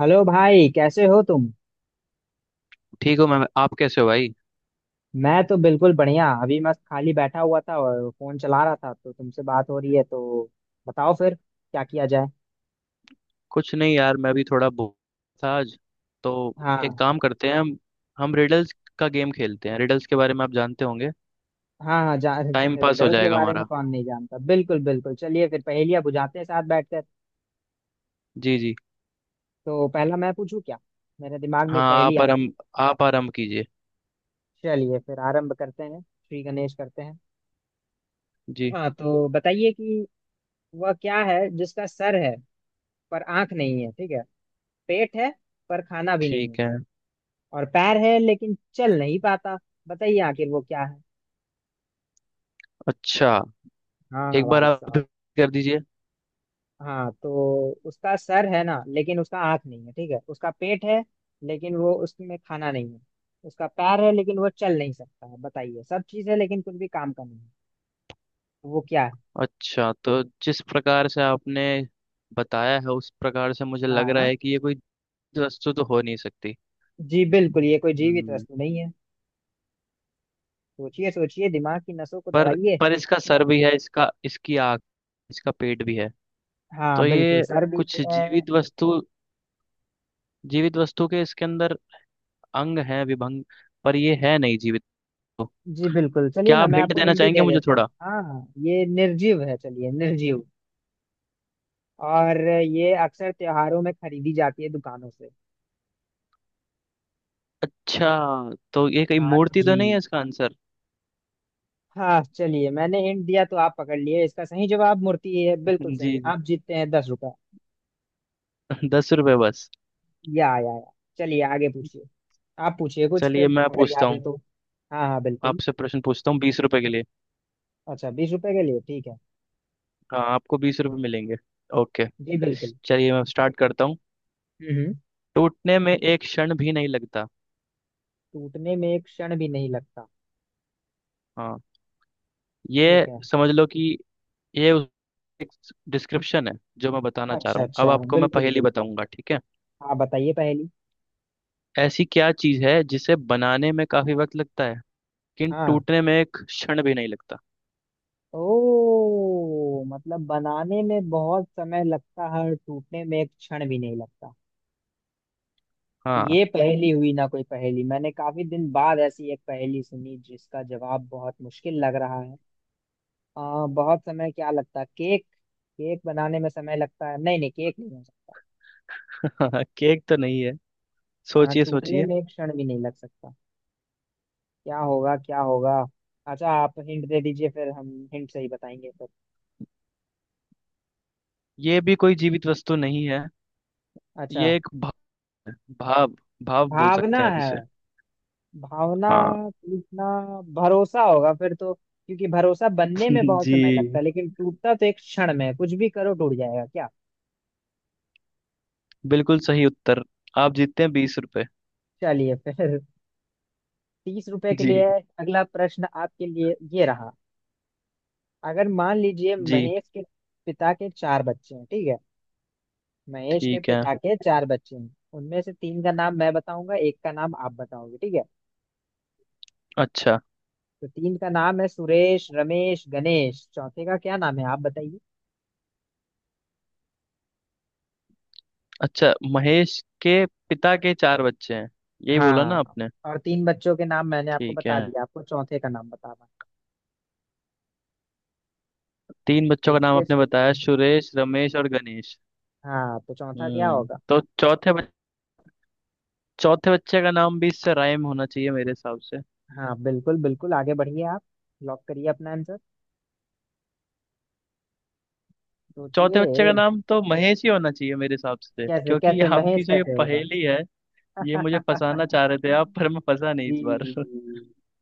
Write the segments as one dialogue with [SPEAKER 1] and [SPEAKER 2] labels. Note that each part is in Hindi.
[SPEAKER 1] हेलो भाई कैसे हो तुम।
[SPEAKER 2] ठीक हो मैम, आप कैसे हो भाई?
[SPEAKER 1] मैं तो बिल्कुल बढ़िया, अभी मैं खाली बैठा हुआ था और फोन चला रहा था, तो तुमसे बात हो रही है तो बताओ फिर क्या किया जाए।
[SPEAKER 2] कुछ नहीं यार, मैं भी थोड़ा बोर था आज तो। एक
[SPEAKER 1] हाँ
[SPEAKER 2] काम करते हैं। हम रिडल्स का गेम खेलते हैं। रिडल्स के बारे में आप जानते होंगे।
[SPEAKER 1] हाँ हाँ जा
[SPEAKER 2] टाइम पास हो
[SPEAKER 1] रिडल्स के
[SPEAKER 2] जाएगा
[SPEAKER 1] बारे में
[SPEAKER 2] हमारा।
[SPEAKER 1] कौन नहीं जानता, बिल्कुल बिल्कुल, चलिए फिर पहेलियाँ बुझाते हैं साथ बैठकर।
[SPEAKER 2] जी जी।
[SPEAKER 1] तो पहला मैं पूछूं क्या, मेरे दिमाग में
[SPEAKER 2] हाँ,
[SPEAKER 1] एक पहेली आ।
[SPEAKER 2] आप आराम कीजिए।
[SPEAKER 1] चलिए फिर आरंभ करते हैं, श्री गणेश करते हैं।
[SPEAKER 2] जी।
[SPEAKER 1] हाँ, तो बताइए कि वह क्या है जिसका सर है पर आंख नहीं है, ठीक है, पेट है पर खाना भी नहीं है,
[SPEAKER 2] ठीक है।
[SPEAKER 1] और पैर है लेकिन चल नहीं पाता। बताइए आखिर वो क्या है।
[SPEAKER 2] अच्छा,
[SPEAKER 1] हाँ
[SPEAKER 2] एक बार
[SPEAKER 1] भाई
[SPEAKER 2] आप
[SPEAKER 1] साहब।
[SPEAKER 2] repeat कर दीजिए।
[SPEAKER 1] हाँ, तो उसका सर है ना लेकिन उसका आँख नहीं है, ठीक है, उसका पेट है लेकिन वो उसमें खाना नहीं है, उसका पैर है लेकिन वो चल नहीं सकता है। बताइए सब चीज़ है लेकिन कुछ भी काम का नहीं है, वो क्या है।
[SPEAKER 2] अच्छा, तो जिस प्रकार से आपने बताया है, उस प्रकार से मुझे लग रहा
[SPEAKER 1] हाँ
[SPEAKER 2] है कि ये कोई वस्तु तो हो नहीं सकती।
[SPEAKER 1] जी बिल्कुल, ये कोई जीवित
[SPEAKER 2] हम्म
[SPEAKER 1] वस्तु नहीं है। सोचिए सोचिए, दिमाग की नसों को
[SPEAKER 2] पर
[SPEAKER 1] दौड़ाइए।
[SPEAKER 2] पर इसका सर भी है, इसका इसकी आँख, इसका पेट भी है। तो
[SPEAKER 1] हाँ बिल्कुल,
[SPEAKER 2] ये
[SPEAKER 1] सर भी
[SPEAKER 2] कुछ
[SPEAKER 1] है।
[SPEAKER 2] जीवित वस्तु के इसके अंदर अंग हैं विभंग, पर ये है नहीं जीवित तो।
[SPEAKER 1] जी बिल्कुल, चलिए
[SPEAKER 2] क्या
[SPEAKER 1] ना
[SPEAKER 2] आप
[SPEAKER 1] मैं
[SPEAKER 2] हिंट
[SPEAKER 1] आपको
[SPEAKER 2] देना
[SPEAKER 1] हिंट ही
[SPEAKER 2] चाहेंगे
[SPEAKER 1] दे
[SPEAKER 2] मुझे
[SPEAKER 1] देता हूँ,
[SPEAKER 2] थोड़ा?
[SPEAKER 1] हाँ हाँ ये निर्जीव है, चलिए निर्जीव। और ये अक्सर त्योहारों में खरीदी जाती है दुकानों से।
[SPEAKER 2] अच्छा, तो ये कहीं
[SPEAKER 1] हाँ
[SPEAKER 2] मूर्ति तो
[SPEAKER 1] जी।
[SPEAKER 2] नहीं है इसका आंसर?
[SPEAKER 1] हाँ चलिए, मैंने हिंट दिया तो आप पकड़ लिए, इसका सही जवाब मूर्ति है, बिल्कुल
[SPEAKER 2] जी
[SPEAKER 1] सही,
[SPEAKER 2] जी।
[SPEAKER 1] आप जीतते हैं 10 रुपए।
[SPEAKER 2] 10 रुपये बस?
[SPEAKER 1] या, चलिए आगे पूछिए, आप पूछिए कुछ फिर
[SPEAKER 2] चलिए, मैं
[SPEAKER 1] अगर
[SPEAKER 2] पूछता
[SPEAKER 1] याद है
[SPEAKER 2] हूँ
[SPEAKER 1] तो। हाँ हाँ बिल्कुल।
[SPEAKER 2] आपसे, प्रश्न पूछता हूँ 20 रुपए के लिए।
[SPEAKER 1] अच्छा 20 रुपए के लिए, ठीक है।
[SPEAKER 2] हाँ, आपको 20 रुपए मिलेंगे। ओके।
[SPEAKER 1] जी बिल्कुल।
[SPEAKER 2] चलिए, मैं स्टार्ट करता हूँ।
[SPEAKER 1] हम्म,
[SPEAKER 2] टूटने में एक क्षण भी नहीं लगता।
[SPEAKER 1] टूटने में एक क्षण भी नहीं लगता।
[SPEAKER 2] हाँ,
[SPEAKER 1] ठीक
[SPEAKER 2] ये
[SPEAKER 1] है।
[SPEAKER 2] समझ लो कि ये उस एक डिस्क्रिप्शन है जो मैं बताना चाह
[SPEAKER 1] अच्छा
[SPEAKER 2] रहा हूँ। अब
[SPEAKER 1] अच्छा,
[SPEAKER 2] आपको मैं
[SPEAKER 1] बिल्कुल
[SPEAKER 2] पहेली
[SPEAKER 1] बिल्कुल,
[SPEAKER 2] बताऊंगा, ठीक है।
[SPEAKER 1] आप बताइए पहली।
[SPEAKER 2] ऐसी क्या चीज है जिसे बनाने में काफी वक्त लगता है, लेकिन
[SPEAKER 1] हाँ।
[SPEAKER 2] टूटने में एक क्षण भी नहीं लगता।
[SPEAKER 1] ओ, मतलब बनाने में बहुत समय लगता है और टूटने में एक क्षण भी नहीं लगता।
[SPEAKER 2] हाँ।
[SPEAKER 1] ये पहेली हुई ना, कोई पहेली मैंने काफी दिन बाद ऐसी एक पहेली सुनी जिसका जवाब बहुत मुश्किल लग रहा है। बहुत समय क्या लगता है, केक? केक बनाने में समय लगता है, नहीं नहीं केक नहीं हो सकता।
[SPEAKER 2] केक तो नहीं है।
[SPEAKER 1] हाँ,
[SPEAKER 2] सोचिए
[SPEAKER 1] टूटने
[SPEAKER 2] सोचिए।
[SPEAKER 1] में एक क्षण भी नहीं लग सकता। क्या होगा क्या होगा। अच्छा आप हिंट दे दीजिए, फिर हम हिंट से ही बताएंगे फिर।
[SPEAKER 2] ये भी कोई जीवित वस्तु नहीं है।
[SPEAKER 1] अच्छा,
[SPEAKER 2] ये एक भा, भाव भाव बोल सकते
[SPEAKER 1] भावना
[SPEAKER 2] हैं आप
[SPEAKER 1] है,
[SPEAKER 2] इसे।
[SPEAKER 1] भावना।
[SPEAKER 2] हाँ।
[SPEAKER 1] टूटना, भरोसा होगा फिर तो, क्योंकि भरोसा बनने में बहुत समय लगता
[SPEAKER 2] जी,
[SPEAKER 1] है लेकिन टूटता तो एक क्षण में है। कुछ भी करो टूट जाएगा क्या।
[SPEAKER 2] बिल्कुल सही उत्तर। आप जीतते हैं 20 रुपए।
[SPEAKER 1] चलिए फिर 30 रुपए के लिए,
[SPEAKER 2] जी
[SPEAKER 1] अगला प्रश्न आपके लिए ये रहा। अगर मान लीजिए
[SPEAKER 2] जी।
[SPEAKER 1] महेश के पिता के चार बच्चे हैं, ठीक है, महेश के
[SPEAKER 2] ठीक है।
[SPEAKER 1] पिता के चार बच्चे हैं, उनमें से तीन का नाम मैं बताऊंगा, एक का नाम आप बताओगे, ठीक है।
[SPEAKER 2] अच्छा।
[SPEAKER 1] तो तीन का नाम है सुरेश रमेश गणेश, चौथे का क्या नाम है आप बताइए।
[SPEAKER 2] अच्छा, महेश के पिता के चार बच्चे हैं, यही बोला ना
[SPEAKER 1] हाँ,
[SPEAKER 2] आपने?
[SPEAKER 1] और तीन बच्चों के नाम मैंने आपको
[SPEAKER 2] ठीक
[SPEAKER 1] बता
[SPEAKER 2] है।
[SPEAKER 1] दिया, आपको चौथे का नाम बताना है।
[SPEAKER 2] तीन बच्चों का नाम
[SPEAKER 1] सोचिए
[SPEAKER 2] आपने बताया,
[SPEAKER 1] सोचिए।
[SPEAKER 2] सुरेश, रमेश और गणेश।
[SPEAKER 1] हाँ, तो चौथा क्या होगा।
[SPEAKER 2] तो चौथे बच्चे का नाम भी इससे राइम होना चाहिए मेरे हिसाब से।
[SPEAKER 1] हाँ बिल्कुल बिल्कुल, आगे बढ़िए आप, लॉक करिए अपना आंसर,
[SPEAKER 2] चौथे
[SPEAKER 1] सोचिए।
[SPEAKER 2] बच्चे का नाम तो महेश ही होना चाहिए मेरे हिसाब से,
[SPEAKER 1] कैसे
[SPEAKER 2] क्योंकि ये
[SPEAKER 1] कैसे, महेश
[SPEAKER 2] आपकी जो ये
[SPEAKER 1] कैसे होगा?
[SPEAKER 2] पहेली है। ये मुझे फंसाना चाह रहे थे आप, पर मैं फंसा नहीं इस बार।
[SPEAKER 1] जी।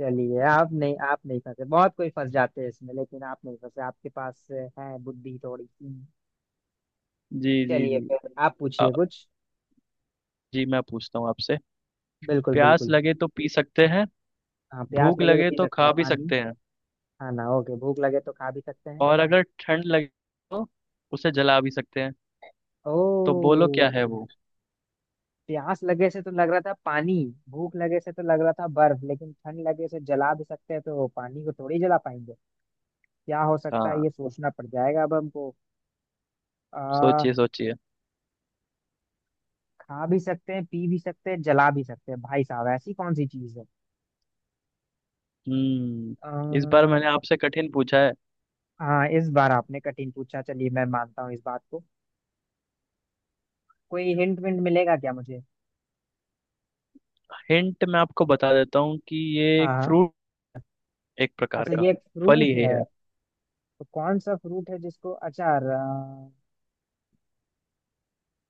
[SPEAKER 1] चलिए, आप नहीं, आप नहीं फंसे, बहुत कोई फंस जाते हैं इसमें लेकिन आप नहीं फंसे, आपके पास है बुद्धि थोड़ी सी।
[SPEAKER 2] जी जी
[SPEAKER 1] चलिए
[SPEAKER 2] जी।
[SPEAKER 1] फिर आप
[SPEAKER 2] अ,
[SPEAKER 1] पूछिए कुछ।
[SPEAKER 2] जी, मैं पूछता हूँ आपसे।
[SPEAKER 1] बिल्कुल
[SPEAKER 2] प्यास
[SPEAKER 1] बिल्कुल।
[SPEAKER 2] लगे तो पी सकते हैं।
[SPEAKER 1] हाँ प्यास
[SPEAKER 2] भूख
[SPEAKER 1] लगे तो
[SPEAKER 2] लगे
[SPEAKER 1] पी
[SPEAKER 2] तो
[SPEAKER 1] सकते
[SPEAKER 2] खा
[SPEAKER 1] हैं
[SPEAKER 2] भी
[SPEAKER 1] पानी।
[SPEAKER 2] सकते हैं।
[SPEAKER 1] खाना ओके, भूख लगे तो खा भी सकते हैं।
[SPEAKER 2] और अगर ठंड लगे तो उसे जला भी सकते हैं। तो
[SPEAKER 1] ओ।
[SPEAKER 2] बोलो क्या है वो?
[SPEAKER 1] प्यास लगे से तो लग रहा था पानी, भूख लगे से तो लग रहा था बर्फ, लेकिन ठंड लगे से जला भी सकते हैं तो पानी को थोड़ी जला पाएंगे। क्या हो सकता
[SPEAKER 2] हाँ।
[SPEAKER 1] है, ये सोचना पड़ जाएगा अब हमको। आ,
[SPEAKER 2] सोचिए सोचिए।
[SPEAKER 1] खा भी सकते हैं, पी भी सकते हैं, जला भी सकते हैं, भाई साहब ऐसी कौन सी चीज है।
[SPEAKER 2] हम्म। इस बार
[SPEAKER 1] आ,
[SPEAKER 2] मैंने आपसे कठिन पूछा है।
[SPEAKER 1] हाँ इस बार आपने कठिन पूछा, चलिए मैं मानता हूँ इस बात को। कोई हिंट विंट मिलेगा क्या मुझे।
[SPEAKER 2] हिंट मैं आपको बता देता हूँ कि ये
[SPEAKER 1] हाँ
[SPEAKER 2] एक
[SPEAKER 1] हाँ।
[SPEAKER 2] फ्रूट, एक प्रकार
[SPEAKER 1] अच्छा
[SPEAKER 2] का
[SPEAKER 1] ये एक
[SPEAKER 2] फल ही
[SPEAKER 1] फ्रूट है।
[SPEAKER 2] है।
[SPEAKER 1] तो कौन सा फ्रूट है जिसको अचार,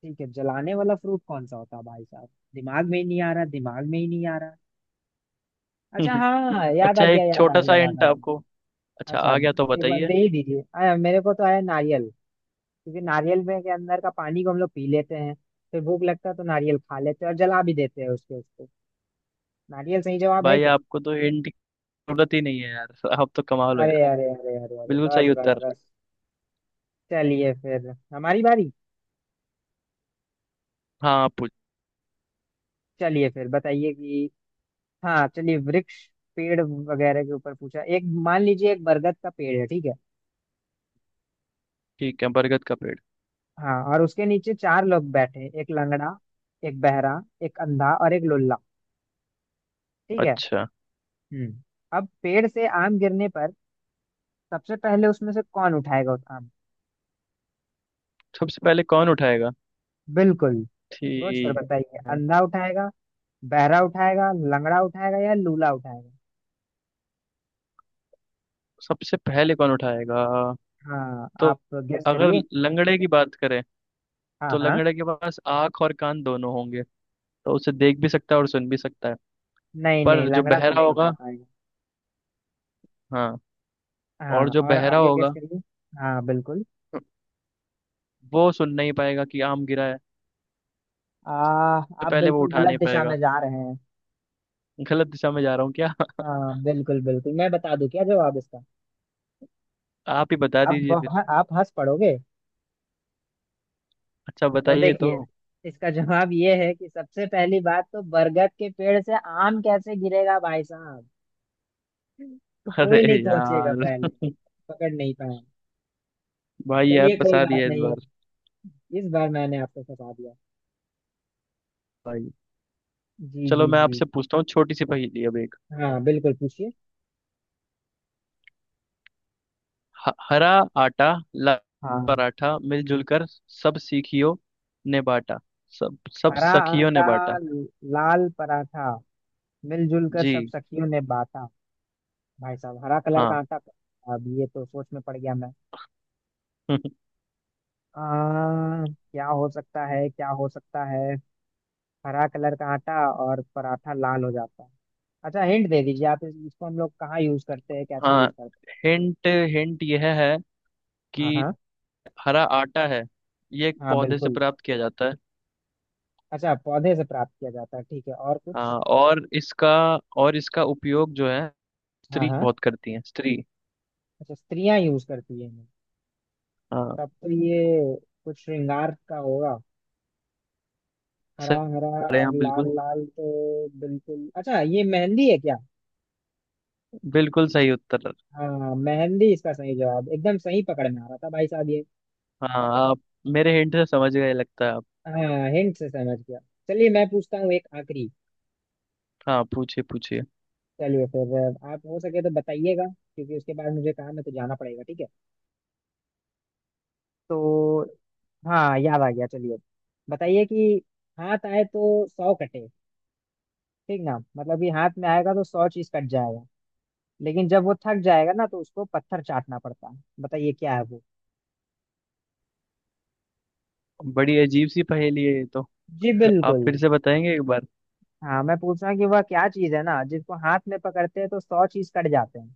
[SPEAKER 1] ठीक है, जलाने वाला फ्रूट कौन सा होता है भाई साहब। दिमाग में ही नहीं आ रहा, दिमाग में ही नहीं आ रहा। अच्छा हाँ, याद आ
[SPEAKER 2] अच्छा,
[SPEAKER 1] गया
[SPEAKER 2] एक
[SPEAKER 1] याद आ
[SPEAKER 2] छोटा सा
[SPEAKER 1] गया याद
[SPEAKER 2] हिंट
[SPEAKER 1] आ
[SPEAKER 2] आपको।
[SPEAKER 1] गया।
[SPEAKER 2] अच्छा,
[SPEAKER 1] अच्छा,
[SPEAKER 2] आ गया तो
[SPEAKER 1] एक बार
[SPEAKER 2] बताइए।
[SPEAKER 1] दे ही दीजिए, आया मेरे को तो, आया नारियल। क्योंकि नारियल में के अंदर का पानी को हम लोग पी लेते हैं, फिर भूख लगता है तो नारियल खा लेते हैं, और जला भी देते हैं उसके उसको। नारियल सही जवाब है
[SPEAKER 2] भाई,
[SPEAKER 1] क्या।
[SPEAKER 2] आपको तो हिंट की जरूरत ही नहीं है यार। आप तो कमाल हो
[SPEAKER 1] अरे
[SPEAKER 2] यार।
[SPEAKER 1] अरे अरे अरे अरे,
[SPEAKER 2] बिल्कुल
[SPEAKER 1] बस
[SPEAKER 2] सही
[SPEAKER 1] बस
[SPEAKER 2] उत्तर।
[SPEAKER 1] बस। चलिए फिर हमारी बारी।
[SPEAKER 2] हाँ, आप पूछ।
[SPEAKER 1] चलिए फिर बताइए कि, हाँ चलिए वृक्ष, पेड़ वगैरह के ऊपर पूछा। एक मान लीजिए एक बरगद का पेड़ है, ठीक है।
[SPEAKER 2] ठीक है, बरगद का पेड़।
[SPEAKER 1] हाँ, और उसके नीचे चार लोग बैठे, एक लंगड़ा, एक बहरा, एक अंधा और एक लुल्ला, ठीक है।
[SPEAKER 2] अच्छा।
[SPEAKER 1] हम्म। अब पेड़ से आम गिरने पर सबसे पहले उसमें से कौन उठाएगा उस आम।
[SPEAKER 2] सबसे पहले कौन उठाएगा?
[SPEAKER 1] बिल्कुल। सोच कर
[SPEAKER 2] ठीक।
[SPEAKER 1] बताइए,
[SPEAKER 2] है
[SPEAKER 1] अंधा उठाएगा, बहरा उठाएगा, लंगड़ा उठाएगा या लूला उठाएगा।
[SPEAKER 2] सबसे पहले कौन उठाएगा
[SPEAKER 1] हाँ
[SPEAKER 2] तो?
[SPEAKER 1] आप, गेस
[SPEAKER 2] अगर
[SPEAKER 1] करिए।
[SPEAKER 2] लंगड़े की बात करें
[SPEAKER 1] हाँ
[SPEAKER 2] तो
[SPEAKER 1] हाँ।
[SPEAKER 2] लंगड़े के पास आंख और कान दोनों होंगे। तो उसे देख भी सकता है और सुन भी सकता है।
[SPEAKER 1] नहीं नहीं,
[SPEAKER 2] पर जो
[SPEAKER 1] लंगड़ा तो
[SPEAKER 2] बहरा
[SPEAKER 1] नहीं उठा
[SPEAKER 2] होगा।
[SPEAKER 1] पाएगा।
[SPEAKER 2] हाँ।
[SPEAKER 1] हाँ,
[SPEAKER 2] और जो
[SPEAKER 1] और
[SPEAKER 2] बहरा
[SPEAKER 1] आगे गेस
[SPEAKER 2] होगा
[SPEAKER 1] करिए। हाँ बिल्कुल।
[SPEAKER 2] वो सुन नहीं पाएगा कि आम गिरा है। तो
[SPEAKER 1] आप
[SPEAKER 2] पहले वो
[SPEAKER 1] बिल्कुल
[SPEAKER 2] उठा
[SPEAKER 1] गलत
[SPEAKER 2] नहीं
[SPEAKER 1] दिशा
[SPEAKER 2] पाएगा।
[SPEAKER 1] में जा रहे हैं।
[SPEAKER 2] गलत दिशा में जा रहा हूँ क्या?
[SPEAKER 1] हाँ बिल्कुल बिल्कुल, मैं बता दूं क्या जवाब इसका।
[SPEAKER 2] आप ही बता दीजिए फिर।
[SPEAKER 1] आप हंस पड़ोगे।
[SPEAKER 2] अच्छा,
[SPEAKER 1] तो
[SPEAKER 2] बताइए तो।
[SPEAKER 1] देखिए, इसका जवाब ये है कि सबसे पहली बात तो, बरगद के पेड़ से आम कैसे गिरेगा भाई साहब। तो कोई नहीं
[SPEAKER 2] अरे
[SPEAKER 1] पहुंचेगा
[SPEAKER 2] यार
[SPEAKER 1] पहले। पकड़ नहीं पाए।
[SPEAKER 2] भाई यार,
[SPEAKER 1] चलिए, कोई
[SPEAKER 2] फंसा
[SPEAKER 1] बात
[SPEAKER 2] दिया इस
[SPEAKER 1] नहीं,
[SPEAKER 2] बार।
[SPEAKER 1] इस बार मैंने आपको फंसा दिया।
[SPEAKER 2] भाई।
[SPEAKER 1] जी
[SPEAKER 2] चलो,
[SPEAKER 1] जी
[SPEAKER 2] मैं
[SPEAKER 1] जी।
[SPEAKER 2] आपसे पूछता हूँ छोटी सी पहेली अब एक।
[SPEAKER 1] हाँ बिल्कुल पूछिए।
[SPEAKER 2] हरा आटा, लाल
[SPEAKER 1] हाँ,
[SPEAKER 2] पराठा, मिलजुल कर सब सीखियो ने बाटा। सब सब
[SPEAKER 1] हरा
[SPEAKER 2] सखियों
[SPEAKER 1] आटा,
[SPEAKER 2] ने बाटा।
[SPEAKER 1] लाल पराठा, मिलजुल कर
[SPEAKER 2] जी।
[SPEAKER 1] सब सखियों ने बांटा। भाई साहब, हरा कलर का
[SPEAKER 2] हाँ।
[SPEAKER 1] आटा? अब ये तो सोच में पड़ गया मैं। क्या हो सकता है, क्या हो सकता है? हरा कलर का आटा, और पराठा लाल हो जाता है। अच्छा हिंट दे दीजिए आप, इसको हम लोग कहाँ यूज करते हैं, कैसे
[SPEAKER 2] हाँ,
[SPEAKER 1] यूज करते
[SPEAKER 2] हिंट हिंट यह है
[SPEAKER 1] हैं। हाँ
[SPEAKER 2] कि
[SPEAKER 1] हाँ।
[SPEAKER 2] हरा आटा है, ये एक
[SPEAKER 1] हाँ
[SPEAKER 2] पौधे से
[SPEAKER 1] बिल्कुल।
[SPEAKER 2] प्राप्त किया जाता है।
[SPEAKER 1] अच्छा, पौधे से प्राप्त किया जाता है, ठीक है, और कुछ?
[SPEAKER 2] हाँ, और इसका उपयोग जो है,
[SPEAKER 1] हाँ
[SPEAKER 2] स्त्री
[SPEAKER 1] हाँ।
[SPEAKER 2] बहुत करती है, स्त्री।
[SPEAKER 1] अच्छा स्त्रियां यूज करती हैं इन्हें।
[SPEAKER 2] हाँ।
[SPEAKER 1] तब तो ये कुछ श्रृंगार का होगा।
[SPEAKER 2] सही।
[SPEAKER 1] हरा हरा
[SPEAKER 2] अरे
[SPEAKER 1] और
[SPEAKER 2] हाँ,
[SPEAKER 1] लाल
[SPEAKER 2] बिल्कुल।
[SPEAKER 1] लाल तो बिल्कुल, अच्छा ये मेहंदी है क्या?
[SPEAKER 2] बिल्कुल सही उत्तर।
[SPEAKER 1] हाँ मेहंदी इसका सही जवाब, एकदम सही पकड़ में आ रहा था भाई साहब ये।
[SPEAKER 2] हाँ, आप मेरे हिंट से समझ गए लगता है आप।
[SPEAKER 1] हाँ हिंट से समझ गया। चलिए मैं पूछता हूँ एक आखिरी।
[SPEAKER 2] हाँ, पूछिए पूछिए।
[SPEAKER 1] चलिए फिर, आप हो सके तो बताइएगा, क्योंकि उसके बाद मुझे काम है तो जाना पड़ेगा, ठीक है। तो हाँ याद आ गया, चलिए बताइए कि हाथ आए तो 100 कटे, ठीक ना, मतलब कि हाथ में आएगा तो 100 चीज कट जाएगा, लेकिन जब वो थक जाएगा ना तो उसको पत्थर चाटना पड़ता है, बताइए क्या है वो।
[SPEAKER 2] बड़ी अजीब सी पहेली है ये तो।
[SPEAKER 1] जी
[SPEAKER 2] आप
[SPEAKER 1] बिल्कुल।
[SPEAKER 2] फिर से बताएंगे एक बार?
[SPEAKER 1] हाँ मैं पूछ रहा हूँ कि वह क्या चीज है ना जिसको हाथ में पकड़ते हैं तो 100 चीज कट जाते हैं,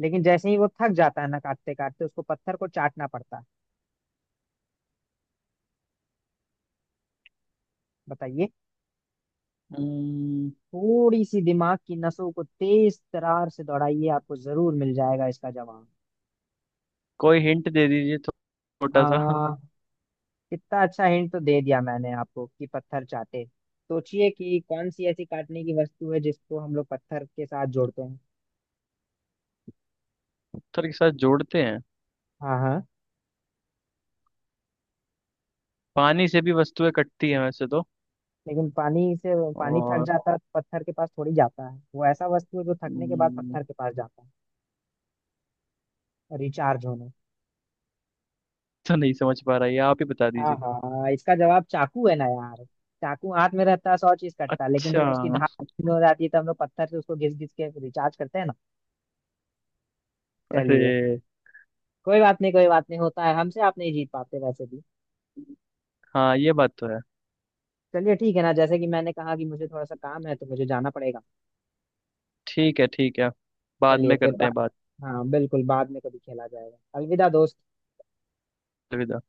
[SPEAKER 1] लेकिन जैसे ही वो थक जाता है ना काटते काटते, उसको पत्थर को चाटना पड़ता है, बताइए।
[SPEAKER 2] हम्म,
[SPEAKER 1] थोड़ी सी दिमाग की नसों को तेज तरार से दौड़ाइए, आपको जरूर मिल जाएगा इसका जवाब।
[SPEAKER 2] कोई हिंट दे दीजिए तो
[SPEAKER 1] आ
[SPEAKER 2] छोटा सा
[SPEAKER 1] कितना अच्छा हिंट तो दे दिया मैंने आपको कि पत्थर चाटे, सोचिए कि कौन सी ऐसी काटने की वस्तु है जिसको हम लोग पत्थर के साथ जोड़ते हैं।
[SPEAKER 2] पत्थर के साथ जोड़ते हैं?
[SPEAKER 1] हाँ हाँ।
[SPEAKER 2] पानी से भी वस्तुएं कटती हैं वैसे तो।
[SPEAKER 1] लेकिन पानी से पानी थक
[SPEAKER 2] और।
[SPEAKER 1] जाता है तो पत्थर के पास थोड़ी जाता है, वो ऐसा वस्तु है जो थकने के बाद
[SPEAKER 2] हम्म,
[SPEAKER 1] पत्थर के पास जाता है। रिचार्ज होने।
[SPEAKER 2] तो नहीं समझ पा रहा ये, आप ही बता
[SPEAKER 1] हाँ
[SPEAKER 2] दीजिए।
[SPEAKER 1] हाँ हाँ, इसका जवाब चाकू है ना यार। चाकू हाथ में रहता है, 100 चीज कटता है, लेकिन
[SPEAKER 2] अच्छा।
[SPEAKER 1] जब उसकी धार ठंडी हो जाती है तो हम लोग पत्थर से उसको घिस घिस के रिचार्ज करते हैं ना। चलिए,
[SPEAKER 2] अरे।
[SPEAKER 1] कोई बात नहीं, कोई बात नहीं, होता है, हमसे आप नहीं जीत पाते वैसे भी।
[SPEAKER 2] हाँ, ये बात तो है।
[SPEAKER 1] चलिए ठीक है ना, जैसे कि मैंने कहा कि मुझे थोड़ा सा काम है तो मुझे जाना पड़ेगा।
[SPEAKER 2] ठीक है, ठीक है। बाद
[SPEAKER 1] चलिए
[SPEAKER 2] में
[SPEAKER 1] फिर
[SPEAKER 2] करते हैं
[SPEAKER 1] बात।
[SPEAKER 2] बात।
[SPEAKER 1] हाँ बिल्कुल, बाद में कभी खेला जाएगा, अलविदा दोस्त।
[SPEAKER 2] अलविदा।